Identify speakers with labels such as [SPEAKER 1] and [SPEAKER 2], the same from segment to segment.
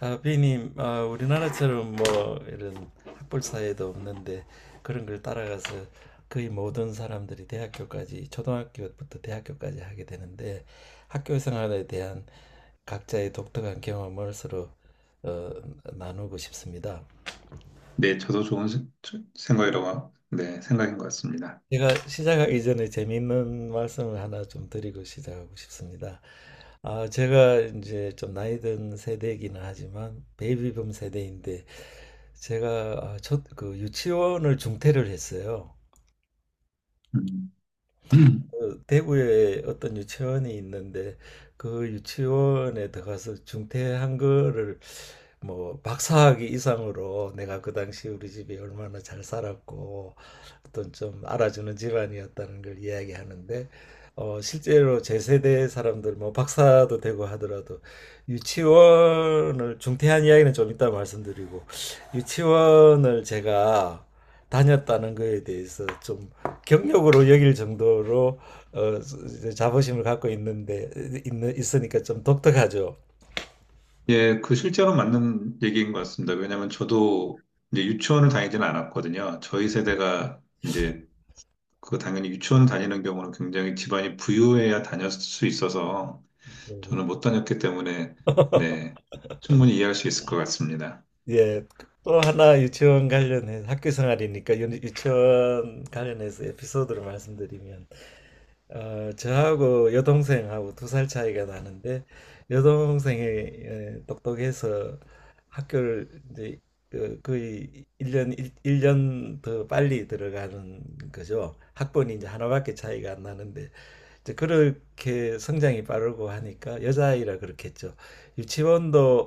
[SPEAKER 1] 아, 비님, 아, 우리나라처럼 뭐 이런 학벌 사회도 없는데 그런 걸 따라가서 거의 모든 사람들이 대학교까지 초등학교부터 대학교까지 하게 되는데 학교 생활에 대한 각자의 독특한 경험을 서로 어, 나누고 싶습니다.
[SPEAKER 2] 네, 저도 좋은 네, 생각인 것 같습니다.
[SPEAKER 1] 제가 시작하기 전에 재미있는 말씀을 하나 좀 드리고 시작하고 싶습니다. 아, 제가 이제 좀 나이 든 세대이기는 하지만 베이비붐 세대인데 제가 아, 첫, 그 유치원을 중퇴를 했어요.
[SPEAKER 2] 음.
[SPEAKER 1] 어, 대구에 어떤 유치원이 있는데 그 유치원에 들어가서 중퇴한 거를 뭐 박사학위 이상으로 내가 그 당시 우리 집이 얼마나 잘 살았고 어떤 좀 알아주는 집안이었다는 걸 이야기하는데 어 실제로 제 세대 사람들 뭐 박사도 되고 하더라도 유치원을 중퇴한 이야기는 좀 이따 말씀드리고 유치원을 제가 다녔다는 거에 대해서 좀 경력으로 여길 정도로 어, 자부심을 갖고 있는데 있는 있으니까 좀 독특하죠.
[SPEAKER 2] 예, 그 실제로 맞는 얘기인 것 같습니다. 왜냐하면 저도 이제 유치원을 다니지는 않았거든요. 저희 세대가 이제 그 당연히 유치원 다니는 경우는 굉장히 집안이 부유해야 다녔을 수 있어서
[SPEAKER 1] 음.
[SPEAKER 2] 저는 못 다녔기 때문에 네, 충분히 이해할 수 있을 것 같습니다.
[SPEAKER 1] 예, 또 하나 유치원 관련해 학교 생활이니까 유치원 관련해서 에피소드를 말씀드리면 어, 저하고 여동생하고 두 살 차이가 나는데 여동생이 에, 똑똑해서 학교를 이제 그, 거의 일년일년더 빨리 들어가는 거죠. 학번이 이제 하나밖에 차이가 안 나는데 이제 그렇게 성장이 빠르고 하니까 여자아이라 그렇겠죠. 유치원도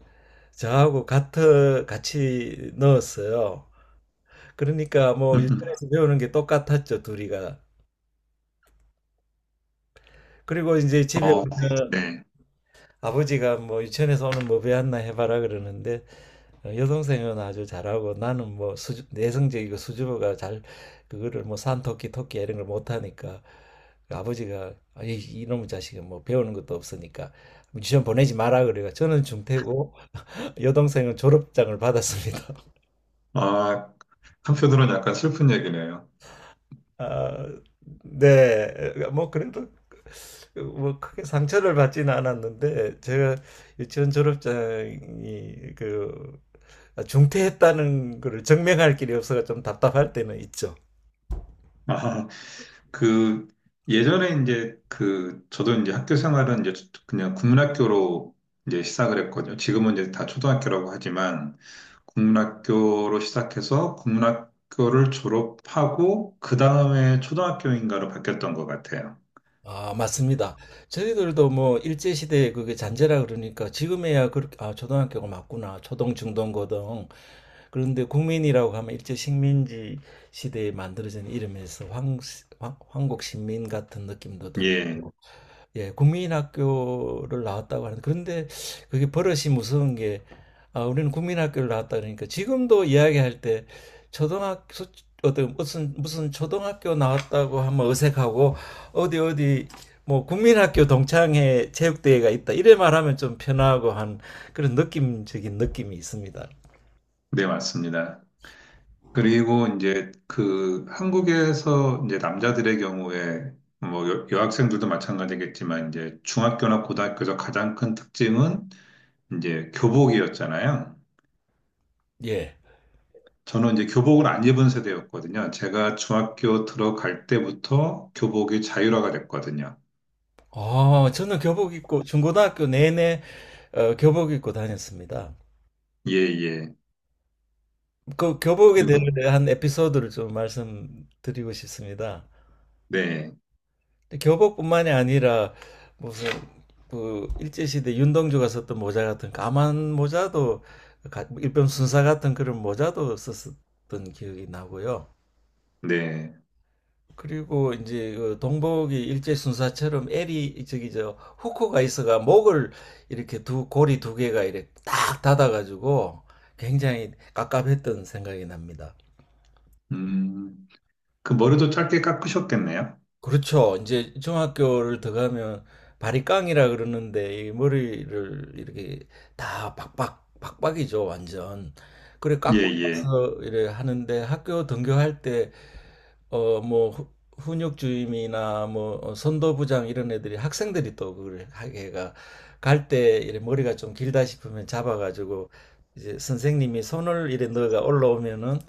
[SPEAKER 1] 저하고 같은 같이 넣었어요. 그러니까 뭐 유치원에서 배우는 게 똑같았죠, 둘이가. 그리고 이제 집에
[SPEAKER 2] 어,
[SPEAKER 1] 오면
[SPEAKER 2] 네.
[SPEAKER 1] 아버지가 뭐 유치원에서 오늘 뭐 배웠나 해봐라 그러는데 어, 여동생은 아주 잘하고 나는 뭐 내성적이고 수줍어가 잘 그거를 뭐 산토끼 토끼 이런 걸 못하니까 아버지가 아, 이놈의 자식은 뭐 배우는 것도 없으니까 유치원 보내지 마라 그래요. 저는 중퇴고 여동생은 졸업장을 받았습니다.
[SPEAKER 2] 아, 한편으로는 약간 슬픈 얘기네요.
[SPEAKER 1] 아, 네. 뭐 그래도 뭐 크게 상처를 받지는 않았는데 제가 유치원 졸업장이 그 중퇴했다는 거를 증명할 길이 없어서 좀 답답할 때는 있죠.
[SPEAKER 2] 아, 그 예전에 이제 그 저도 이제 학교 생활은 이제 그냥 국문학교로 이제 시작을 했거든요. 지금은 이제 다 초등학교라고 하지만 국문학교로 시작해서 국문학교를 졸업하고 그 다음에 초등학교인가로 바뀌었던 것 같아요.
[SPEAKER 1] 아, 맞습니다. 저희들도 뭐 일제 시대에 그게 잔재라 그러니까 지금에야 그렇게 아, 초등학교가 맞구나. 초등, 중등, 고등. 그런데 국민이라고 하면 일제 식민지 시대에 만들어진 이름에서 황국 신민 같은 느낌도
[SPEAKER 2] 예,
[SPEAKER 1] 들고 예, 국민학교를 나왔다고 하는데 그런데 그게 버릇이 무서운 게 아, 우리는 국민학교를 나왔다 그러니까 지금도 이야기할 때 초등학교 어떤 무슨 무슨 초등학교 나왔다고 하면 어색하고 어디 어디 뭐 국민학교 동창회 체육대회가 있다 이래 말하면 좀 편하고 한 그런 느낌적인 느낌이 있습니다.
[SPEAKER 2] 네, 맞습니다. 그리고 이제 그 한국에서 이제 남자들의 경우에 뭐 여학생들도 마찬가지겠지만 이제 중학교나 고등학교에서 가장 큰 특징은 이제 교복이었잖아요.
[SPEAKER 1] 예.
[SPEAKER 2] 저는 이제 교복을 안 입은 세대였거든요. 제가 중학교 들어갈 때부터 교복이 자율화가 됐거든요.
[SPEAKER 1] 아, 저는 교복 입고 중고등학교 내내 교복 입고 다녔습니다.
[SPEAKER 2] 예, 예.
[SPEAKER 1] 그 교복에
[SPEAKER 2] 그리고,
[SPEAKER 1] 대한 에피소드를 좀 말씀드리고 싶습니다.
[SPEAKER 2] 네,
[SPEAKER 1] 교복뿐만이 아니라 무슨 그 일제시대 윤동주가 썼던 모자 같은 까만 모자도 일병 순사 같은 그런 모자도 썼었던 기억이 나고요.
[SPEAKER 2] 네.
[SPEAKER 1] 그리고 이제 그 동복이 일제 순사처럼 L이 저기 저 후코가 있어가 목을 이렇게 두 고리 두 개가 이렇게 딱 닫아가지고 굉장히 깝깝했던 생각이 납니다.
[SPEAKER 2] 음, 그 머리도 짧게 깎으셨겠네요.
[SPEAKER 1] 그렇죠. 이제 중학교를 들어가면 바리깡이라 그러는데 이 머리를 이렇게 다 박박 박박이죠, 완전. 그래
[SPEAKER 2] 예,
[SPEAKER 1] 깎고
[SPEAKER 2] 예.
[SPEAKER 1] 나서 이래 하는데 학교 등교할 때 어 뭐 훈육 주임이나 뭐 선도부장 이런 애들이 학생들이 또 그걸 하게가 갈 때 이래 머리가 좀 길다 싶으면 잡아가지고 이제 선생님이 손을 이래 넣어가 올라오면은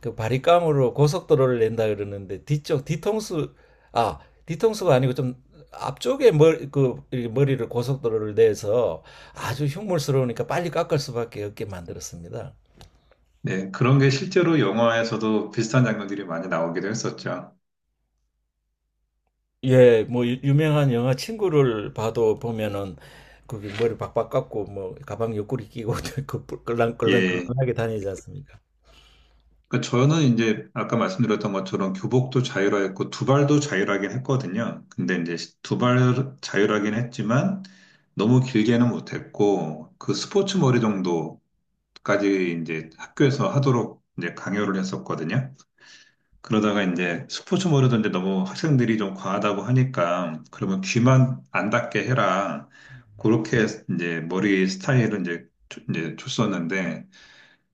[SPEAKER 1] 그 바리깡으로 고속도로를 낸다 그러는데 뒤쪽 뒤통수 아 뒤통수가 아니고 좀 앞쪽에 머리 그 머리를 고속도로를 내서 아주 흉물스러우니까 빨리 깎을 수밖에 없게 만들었습니다.
[SPEAKER 2] 네, 그런 게 실제로 영화에서도 비슷한 장면들이 많이 나오기도 했었죠.
[SPEAKER 1] 예, 뭐 명한 영화 친구를 봐도 보면은 그 머리 박박 깎고 뭐 가방 옆구리 끼고 그
[SPEAKER 2] 예.
[SPEAKER 1] 꿀렁꿀렁꿀렁하게 다니지 않습니까?
[SPEAKER 2] 그 저는 이제 아까 말씀드렸던 것처럼 교복도 자율화했고 두발도 자율화긴 했거든요. 근데 이제 두발 자율화긴 했지만 너무 길게는 못했고 그 스포츠 머리 정도까지 이제 학교에서 하도록 이제 강요를 했었거든요. 그러다가 이제 스포츠 머리도 이제 너무 학생들이 좀 과하다고 하니까 그러면 귀만 안 닿게 해라. 그렇게 이제 머리 스타일을 이제 이제 줬었는데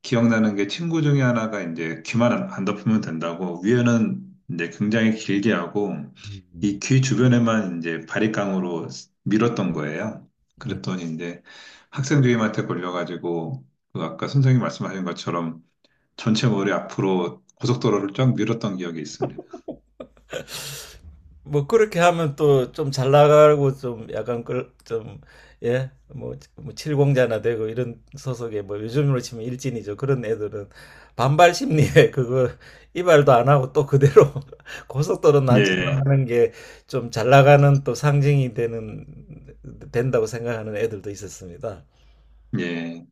[SPEAKER 2] 기억나는 게 친구 중에 하나가 이제 귀만 안 덮으면 된다고 위에는 이제 굉장히 길게 하고 이
[SPEAKER 1] 음.
[SPEAKER 2] 귀 주변에만 이제 바리깡으로 밀었던 거예요.
[SPEAKER 1] 음.
[SPEAKER 2] 그랬더니 이제 학생 주임한테 걸려가지고 그 아까 선생님 말씀하신 것처럼 전체 머리 앞으로 고속도로를 쫙 밀었던 기억이 있습니다.
[SPEAKER 1] 뭐 그렇게 하면 또 좀 잘 나가고 좀 약간 좀예뭐 칠공자나 되고 이런 소속의 뭐 요즘으로 치면 일진이죠 그런 애들은 반발 심리에 그거 이발도 안 하고 또 그대로 고속도로
[SPEAKER 2] 예,
[SPEAKER 1] 난치하는 게 좀 잘 나가는 또 상징이 되는 된다고 생각하는 애들도 있었습니다.
[SPEAKER 2] 예.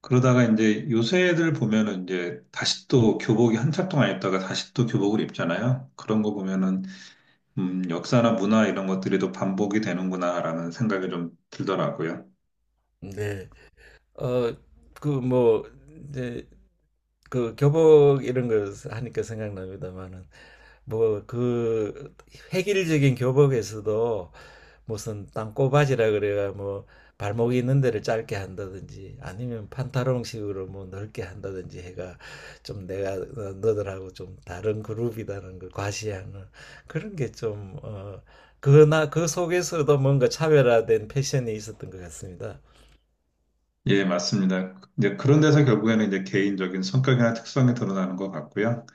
[SPEAKER 2] 그러다가 이제 요새 애들 보면은 이제 다시 또 교복이 한참 동안 입다가 다시 또 교복을 입잖아요. 그런 거 보면은 역사나 문화 이런 것들이 또 반복이 되는구나라는 생각이 좀 들더라고요.
[SPEAKER 1] 네. 어 그 뭐 이제 그 교복 이런 걸 하니까 생각납니다만은 뭐 그 획일적인 교복에서도 무슨 땅꼬바지라 그래가 뭐 발목이 있는 데를 짧게 한다든지 아니면 판타롱식으로 뭐 넓게 한다든지 해가 좀 내가 너들하고 좀 다른 그룹이라는 걸 과시하는 그런 게 좀 어 그나 그 속에서도 뭔가 차별화된 패션이 있었던 것 같습니다.
[SPEAKER 2] 예, 맞습니다. 이제 그런 데서 결국에는 이제 개인적인 성격이나 특성이 드러나는 것 같고요.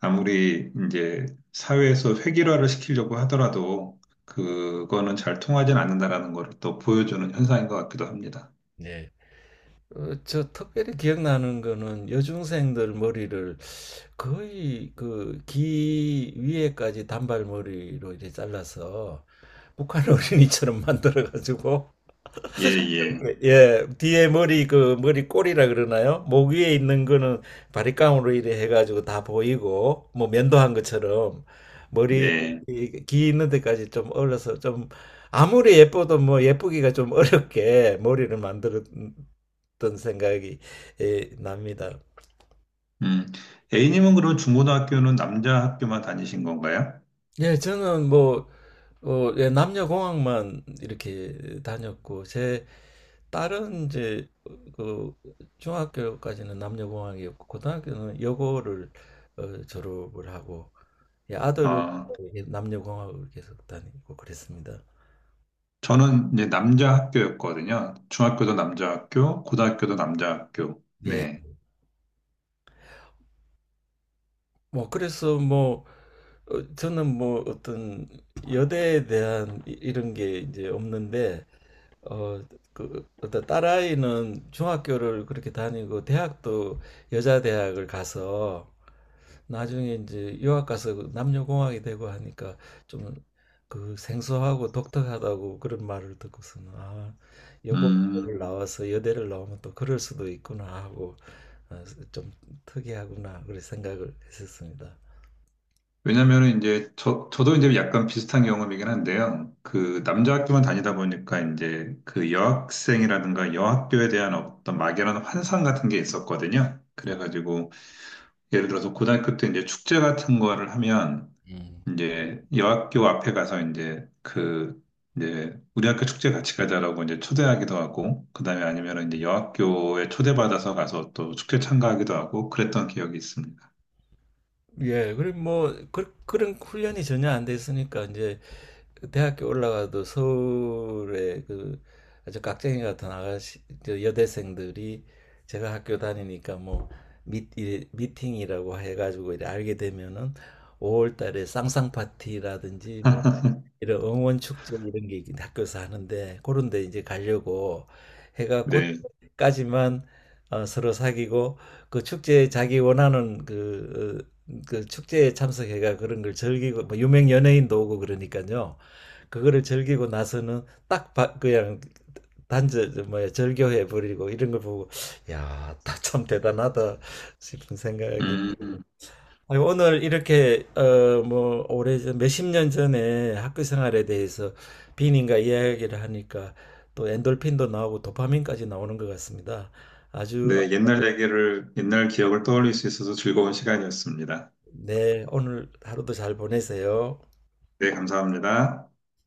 [SPEAKER 2] 아무리 이제 사회에서 획일화를 시키려고 하더라도 그거는 잘 통하진 않는다라는 걸 또 보여주는 현상인 것 같기도 합니다.
[SPEAKER 1] 네. 어, 저 특별히 기억나는 거는 여중생들 머리를 거의 그 귀 위에까지 단발머리로 이렇게 잘라서 북한 어린이처럼 만들어 가지고
[SPEAKER 2] 예, 예,
[SPEAKER 1] 예, 뒤에 머리 그 머리 꼬리라 그러나요? 목 위에 있는 거는 바리깡으로 이래 해가지고 다 보이고 뭐 면도한 것처럼 머리
[SPEAKER 2] 네.
[SPEAKER 1] 귀 있는 데까지 좀 얼려서 좀 아무리 예뻐도 뭐 예쁘기가 좀 어렵게 머리를 만들었던 생각이 예, 납니다.
[SPEAKER 2] 음, A님은 그럼 중고등학교는 남자 학교만 다니신 건가요?
[SPEAKER 1] 예, 저는 뭐, 예, 남녀공학만 이렇게 다녔고, 제 딸은 이제, 그, 중학교까지는 남녀공학이었고, 고등학교는 여고를 졸업을 하고, 예, 아들은
[SPEAKER 2] 아,
[SPEAKER 1] 예, 남녀공학을 계속 다니고 그랬습니다.
[SPEAKER 2] 저는 이제 남자 학교였거든요. 중학교도 남자 학교, 고등학교도 남자 학교.
[SPEAKER 1] 예.
[SPEAKER 2] 네.
[SPEAKER 1] 뭐, 그래서 뭐, 저는 뭐 어떤 여대에 대한 이런 게 이제 없는데, 어, 그, 어떤 딸아이는 중학교를 그렇게 다니고, 대학도 여자 대학을 가서, 나중에 이제 유학 가서 그 남녀공학이 되고 하니까 좀 그 생소하고 독특하다고 그런 말을 듣고서는, 아, 여고를
[SPEAKER 2] 음,
[SPEAKER 1] 나와서 여대를 나오면 또 그럴 수도 있구나 하고, 어, 좀 특이하구나, 그런 생각을 했었습니다.
[SPEAKER 2] 왜냐면은 이제 저, 저도 이제 약간 비슷한 경험이긴 한데요. 그 남자 학교만 다니다 보니까 이제 그 여학생이라든가 여학교에 대한 어떤 막연한 환상 같은 게 있었거든요. 그래가지고 예를 들어서 고등학교 때 이제 축제 같은 거를 하면
[SPEAKER 1] 음.
[SPEAKER 2] 이제 여학교 앞에 가서 이제 그 이제 우리 학교 축제 같이 가자라고 이제 초대하기도 하고 그다음에 아니면은 이제 여학교에 초대받아서 가서 또 축제 참가하기도 하고 그랬던 기억이 있습니다.
[SPEAKER 1] 예, 그리고 뭐 그, 그런 훈련이 전혀 안 됐으니까 이제 대학교 올라가도 서울에 그 아주 깍쟁이 같은 아가씨 저 여대생들이 제가 학교 다니니까 뭐 이 미팅이라고 해가지고 이렇게 알게 되면은 5월 달에 쌍쌍 파티라든지 뭐 이런 응원 축제 이런 게 있긴 학교에서 하는데 그런 데 이제 가려고 해가
[SPEAKER 2] 네.
[SPEAKER 1] 곧까지만 서로 사귀고 그 축제에 자기 원하는 그, 어, 그 축제에 참석해가 그런 걸 즐기고 뭐 유명 연예인도 오고 그러니까요. 그거를 즐기고 나서는 딱 그냥 단절 뭐야 절교해 버리고 이런 걸 보고 야, 다 참 대단하다 싶은 생각이 들고.
[SPEAKER 2] 음.
[SPEAKER 1] 오늘 이렇게 어 뭐 오래전 몇십 년 전에 학교 생활에 대해서 비님과 이야기를 하니까 또 엔돌핀도 나오고 도파민까지 나오는 것 같습니다. 아주
[SPEAKER 2] 네, 옛날 얘기를 옛날 기억을 떠올릴 수 있어서 즐거운 시간이었습니다.
[SPEAKER 1] 네 오늘 하루도 잘 보내세요.
[SPEAKER 2] 네, 감사합니다.